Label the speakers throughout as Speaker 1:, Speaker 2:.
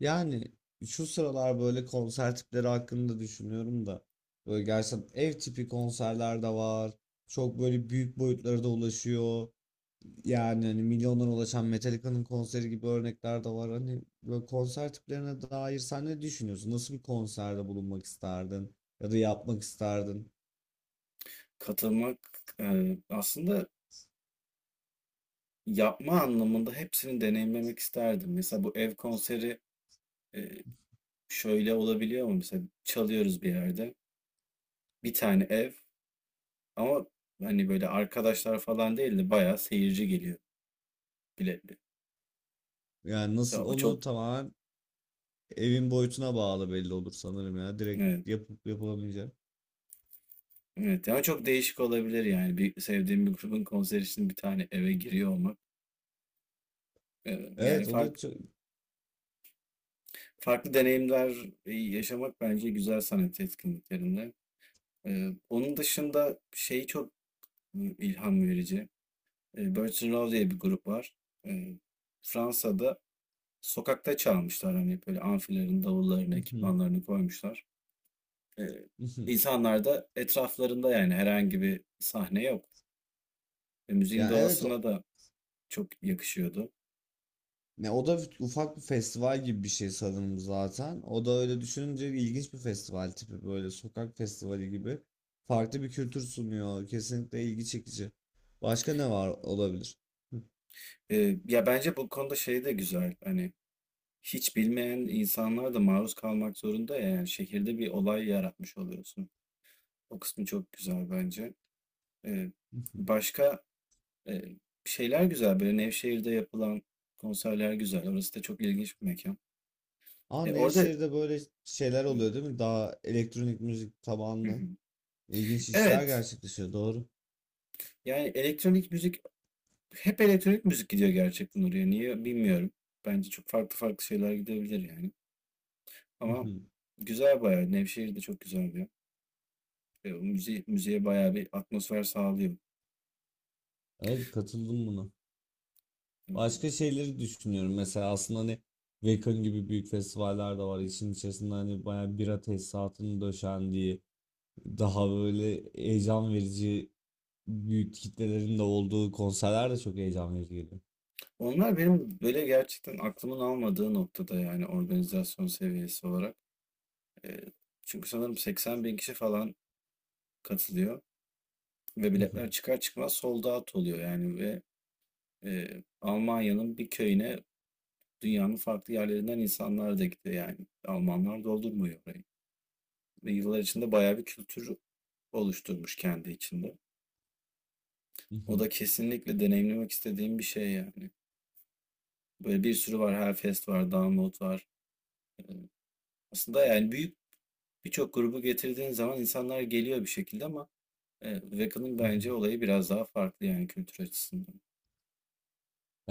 Speaker 1: Yani şu sıralar böyle konser tipleri hakkında düşünüyorum da böyle gerçekten ev tipi konserler de var. Çok böyle büyük boyutlara da ulaşıyor. Yani hani milyonlara ulaşan Metallica'nın konseri gibi örnekler de var. Hani böyle konser tiplerine dair sen ne düşünüyorsun? Nasıl bir konserde bulunmak isterdin ya da yapmak isterdin?
Speaker 2: Katılmak, aslında yapma anlamında hepsini deneyimlemek isterdim. Mesela bu ev konseri, eee, şöyle olabiliyor mu? Mesela çalıyoruz bir yerde. Bir tane ev, ama hani böyle arkadaşlar falan değil de bayağı seyirci geliyor, biletli.
Speaker 1: Yani
Speaker 2: Mesela
Speaker 1: nasıl
Speaker 2: o
Speaker 1: onu
Speaker 2: çok.
Speaker 1: tamamen evin boyutuna bağlı belli olur sanırım ya. Direkt
Speaker 2: Evet,
Speaker 1: yapıp yapılamayacak.
Speaker 2: evet. Yani çok değişik olabilir yani. Bir sevdiğim bir grubun konseri için bir tane eve giriyor olmak. Yani
Speaker 1: Evet o da çok...
Speaker 2: farklı deneyimler yaşamak bence güzel sanat etkinliklerinde. Onun dışında şeyi çok. Hı, ilham verici. Birch diye bir grup var. Fransa'da sokakta çalmışlar, hani böyle amfilerin davullarını, ekipmanlarını koymuşlar. Eee Da etraflarında, yani herhangi bir sahne yok. Müziğin
Speaker 1: yani evet.
Speaker 2: doğasına da çok yakışıyordu.
Speaker 1: Ne o da ufak bir festival gibi bir şey sanırım zaten. O da öyle düşününce ilginç bir festival tipi böyle sokak festivali gibi. Farklı bir kültür sunuyor. Kesinlikle ilgi çekici. Başka ne var olabilir?
Speaker 2: Ya bence bu konuda şey de güzel, hani hiç bilmeyen insanlar da maruz kalmak zorunda ya, yani şehirde bir olay yaratmış oluyorsun. O kısmı çok güzel bence. Eee, başka Eee, şeyler güzel, böyle Nevşehir'de yapılan konserler güzel. Orası da çok ilginç bir mekân.
Speaker 1: Aa,
Speaker 2: E, orada
Speaker 1: Nevşehir'de böyle şeyler
Speaker 2: Hı
Speaker 1: oluyor değil mi? Daha elektronik müzik
Speaker 2: hı,
Speaker 1: tabanlı
Speaker 2: hı.
Speaker 1: ilginç işler
Speaker 2: Evet,
Speaker 1: gerçekleşiyor. Doğru.
Speaker 2: yani elektronik müzik, hep elektronik müzik gidiyor gerçekten oraya. Niye bilmiyorum. Bence çok farklı farklı şeyler gidebilir yani.
Speaker 1: Hı
Speaker 2: Ama
Speaker 1: hı.
Speaker 2: güzel bayağı. Nevşehir de çok güzel bir yer. O müziğe bayağı bir atmosfer sağlıyor.
Speaker 1: Evet, katıldım buna.
Speaker 2: Hı hı.
Speaker 1: Başka şeyleri düşünüyorum. Mesela aslında hani Wacken gibi büyük festivaller de var. İşin içerisinde hani bayağı bira tesisatının döşendiği, daha böyle heyecan verici, büyük kitlelerin de olduğu konserler de çok heyecan verici geliyor.
Speaker 2: Onlar benim böyle gerçekten aklımın almadığı noktada, yani organizasyon seviyesi olarak. Eee, çünkü sanırım 80 bin kişi falan katılıyor. Ve biletler çıkar çıkmaz sold out oluyor yani, ve Almanya'nın bir köyüne dünyanın farklı yerlerinden insanlar da gidiyor yani. Almanlar doldurmuyor orayı. Ve yıllar içinde bayağı bir kültür oluşturmuş kendi içinde. O da kesinlikle deneyimlemek istediğim bir şey yani. Böyle bir sürü var. Hellfest var, Download var. E, Aslında yani büyük birçok grubu getirdiğin zaman insanlar geliyor bir şekilde, ama Wacka'nın bence olayı biraz daha farklı, yani kültür açısından.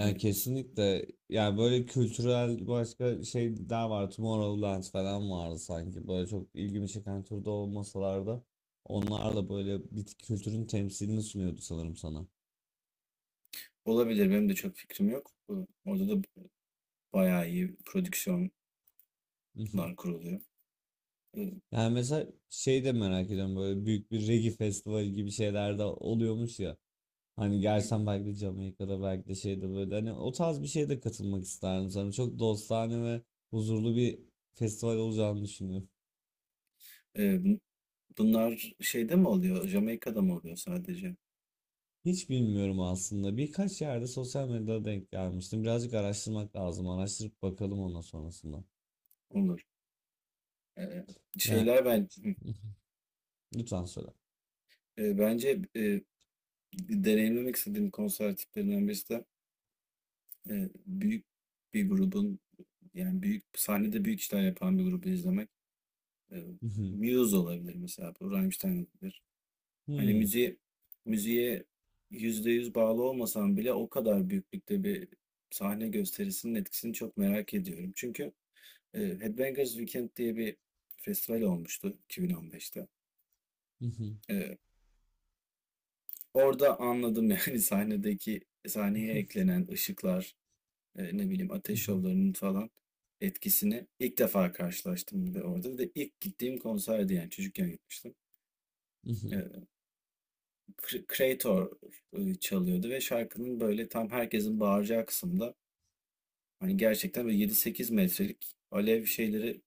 Speaker 2: E,
Speaker 1: kesinlikle, yani böyle kültürel başka şeyler var. Tomorrowland falan vardı sanki. Böyle çok ilgimi çeken türde olmasalar da onlar da böyle bir kültürün temsilini sunuyordu sanırım sana.
Speaker 2: Olabilir Benim de çok fikrim yok. Orada da bayağı iyi prodüksiyonlar kuruluyor. Ee,
Speaker 1: Yani mesela şey de merak ediyorum, böyle büyük bir reggae festivali gibi şeyler de oluyormuş ya. Hani gelsen belki de Jamaika'da belki de şeyde, böyle hani o tarz bir şeye de katılmak isterdim sanırım. Çok dostane ve huzurlu bir festival olacağını düşünüyorum.
Speaker 2: e, bun- bunlar şeyde mi oluyor? Jamaika'da mı oluyor sadece?
Speaker 1: Hiç bilmiyorum aslında. Birkaç yerde sosyal medyada denk gelmiştim. Birazcık araştırmak lazım. Araştırıp bakalım ondan sonrasında.
Speaker 2: Olur. Ee,
Speaker 1: Yani
Speaker 2: şeyler ben hı,
Speaker 1: lütfen söyle.
Speaker 2: e, bence deneyimlemek istediğim konser tiplerinden birisi de büyük bir grubun, yani büyük sahnede büyük işler yapan bir grubu izlemek. E, Muse olabilir mesela. Bu Rammstein olabilir. Hani
Speaker 1: Hmm.
Speaker 2: müziğe %100 bağlı olmasam bile o kadar büyüklükte bir sahne gösterisinin etkisini çok merak ediyorum. Çünkü Headbangers Weekend diye bir festival olmuştu 2015'te. E, orada anladım yani, sahneye eklenen ışıklar, ne bileyim ateş şovlarının falan etkisini ilk defa karşılaştım bir de orada. Bir de ilk gittiğim konserdi yani, çocukken gitmiştim. E, Creator çalıyordu ve şarkının böyle tam herkesin bağıracağı kısımda, hani gerçekten böyle 7-8 metrelik alev şeyleri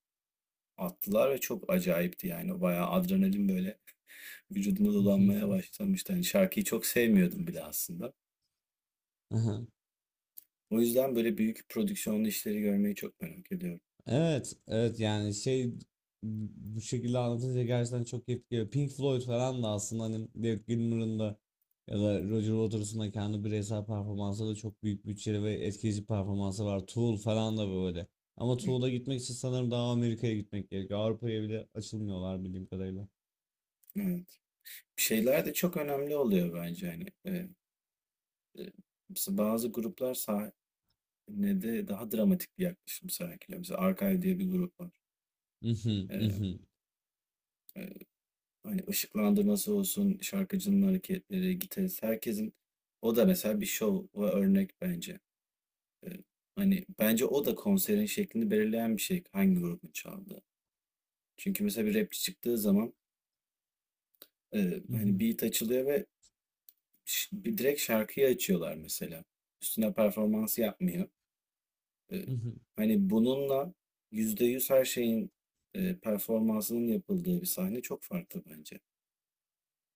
Speaker 2: attılar ve çok acayipti yani, bayağı adrenalin böyle vücuduma dolanmaya başlamıştı. Hani şarkıyı çok sevmiyordum bile aslında. O yüzden böyle büyük prodüksiyonlu işleri görmeyi çok merak ediyorum.
Speaker 1: Evet, evet, yani şey, bu şekilde anlatınca gerçekten çok keyifli geliyor. Pink Floyd falan da aslında, hani David Gilmour'un da ya da Roger Waters'ın da kendi bireysel performansı da çok büyük bütçeli ve etkileyici performansı var. Tool falan da böyle. Ama
Speaker 2: Hı,
Speaker 1: Tool'a gitmek için sanırım daha Amerika'ya gitmek gerekiyor. Avrupa'ya bile açılmıyorlar bildiğim kadarıyla.
Speaker 2: Evet. Şeyler de çok önemli oluyor bence hani. E, mesela bazı gruplar sahnede daha dramatik bir yaklaşım sergiliyor. Mesela Archive diye bir grup var.
Speaker 1: Mhm,
Speaker 2: E,
Speaker 1: mhm,
Speaker 2: Hani ışıklandırması olsun, şarkıcının hareketleri, gitarist, herkesin, o da mesela bir şov ve örnek bence. Ee, hani bence o da konserin şeklini belirleyen bir şey, hangi grubun çaldığı. Çünkü mesela bir rapçi çıktığı zaman hani
Speaker 1: mhm,
Speaker 2: beat açılıyor ve bir direkt şarkıyı açıyorlar mesela. Üstüne performans yapmıyor. E,
Speaker 1: mhm.
Speaker 2: hani bununla %100 her şeyin performansının yapıldığı bir sahne çok farklı bence.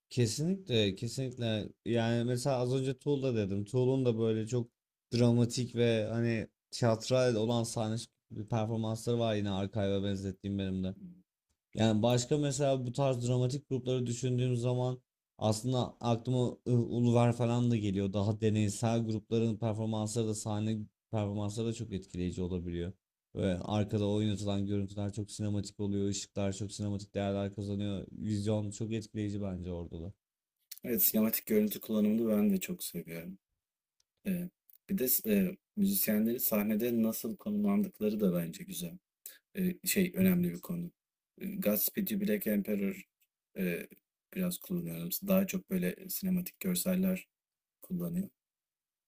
Speaker 1: Kesinlikle, kesinlikle. Yani mesela az önce Tool'da dedim. Tool'un da böyle çok dramatik ve hani tiyatral olan sahne performansları var, yine Archive'a benzettiğim benim de. Yani başka mesela bu tarz dramatik grupları düşündüğüm zaman aslında aklıma Uluver falan da geliyor. Daha deneysel grupların performansları da, sahne performansları da çok etkileyici olabiliyor. Ve arkada oynatılan görüntüler çok sinematik oluyor, ışıklar çok sinematik değerler kazanıyor. Vizyon çok etkileyici bence orada da.
Speaker 2: Evet, sinematik görüntü kullanımını ben de çok seviyorum. E, bir de müzisyenlerin sahnede nasıl konumlandıkları da bence güzel. Önemli bir konu. Godspeed You Black Emperor, eee, biraz kullanıyorum. Daha çok böyle sinematik görseller kullanıyor.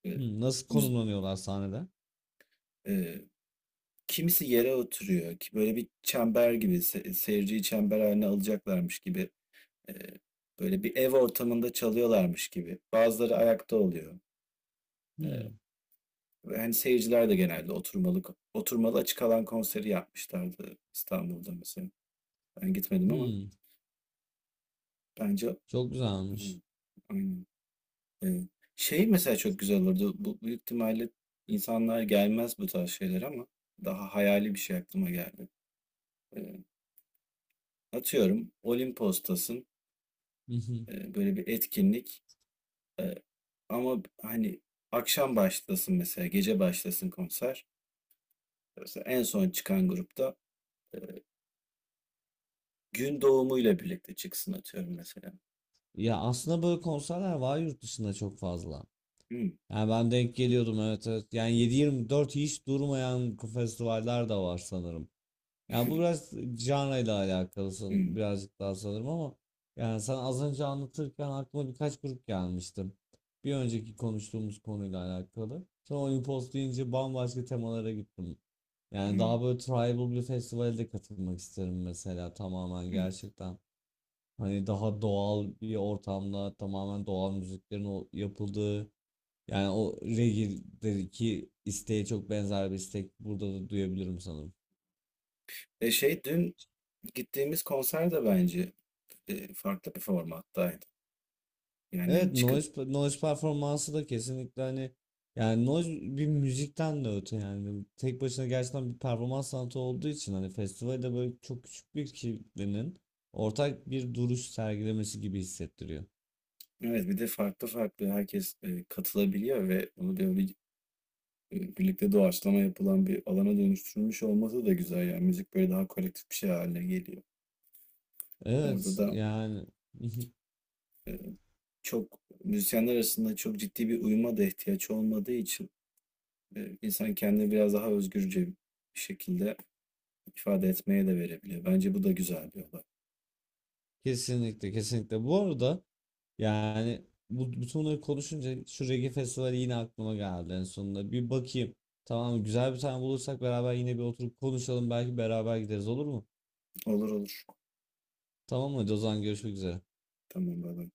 Speaker 2: Eee,
Speaker 1: Hmm, nasıl
Speaker 2: müz
Speaker 1: konumlanıyorlar sahnede?
Speaker 2: eee, kimisi yere oturuyor ki, böyle bir çember gibi, seyirciyi çember haline alacaklarmış gibi, eee, böyle bir ev ortamında çalıyorlarmış gibi. Bazıları ayakta oluyor. Eee,
Speaker 1: Hmm,
Speaker 2: ve hani seyirciler de genelde oturmalı açık alan konseri yapmışlardı İstanbul'da mesela. Ben gitmedim ama
Speaker 1: hmm,
Speaker 2: bence.
Speaker 1: çok güzelmiş.
Speaker 2: Hıı, aynen. Evet. Şey mesela çok güzel olurdu. Bu büyük ihtimalle insanlar gelmez bu tarz şeyler, ama daha hayali bir şey aklıma geldi. Ee, atıyorum Olimpos'tasın.
Speaker 1: Hı hı.
Speaker 2: Böyle bir etkinlik. Ee, ama hani akşam başlasın mesela, gece başlasın konser. Mesela en son çıkan grupta gün doğumuyla birlikte çıksın atıyorum mesela.
Speaker 1: Ya aslında böyle konserler var yurt dışında çok fazla.
Speaker 2: Hmm,
Speaker 1: Yani ben denk geliyordum, evet, evet. Yani 7-24 hiç durmayan festivaller de var sanırım. Yani bu biraz janrayla alakalı
Speaker 2: hmm,
Speaker 1: birazcık daha sanırım, ama yani sen az önce anlatırken aklıma birkaç grup gelmişti. Bir önceki konuştuğumuz konuyla alakalı. Sonra Olympos deyince bambaşka temalara gittim. Yani
Speaker 2: hmm,
Speaker 1: daha böyle tribal bir Festival'de katılmak isterim mesela, tamamen
Speaker 2: hmm.
Speaker 1: gerçekten. Hani daha doğal bir ortamda tamamen doğal müziklerin o yapıldığı, yani o reggae'deki isteğe çok benzer bir istek burada da duyabilirim sanırım.
Speaker 2: Şey, dün gittiğimiz konser de bence farklı bir formattaydı. Yani hani
Speaker 1: Evet,
Speaker 2: çıkıp.
Speaker 1: noise, noise performansı da kesinlikle, hani yani noise bir müzikten de öte, yani tek başına gerçekten bir performans sanatı olduğu için hani festivalde böyle çok küçük bir kitlenin ortak bir duruş sergilemesi gibi hissettiriyor.
Speaker 2: Evet, bir de farklı farklı herkes katılabiliyor ve bunu böyle birlikte doğaçlama yapılan bir alana dönüştürülmüş olması da güzel. Yani müzik böyle daha kolektif bir şey haline geliyor. Orada
Speaker 1: Evet
Speaker 2: da,
Speaker 1: yani
Speaker 2: eee, çok müzisyenler arasında çok ciddi bir uyuma da ihtiyaç olmadığı için, insan kendini biraz daha özgürce bir şekilde ifade etmeye de verebiliyor. Bence bu da güzel bir olay.
Speaker 1: kesinlikle, kesinlikle. Bu arada yani bu, bütün bunları konuşunca şu Reggae Festivali yine aklıma geldi en sonunda. Bir bakayım. Tamam, güzel bir tane bulursak beraber yine bir oturup konuşalım. Belki beraber gideriz, olur mu?
Speaker 2: Olur olur.
Speaker 1: Tamam, hadi o zaman görüşmek üzere.
Speaker 2: Tamam, bay bay.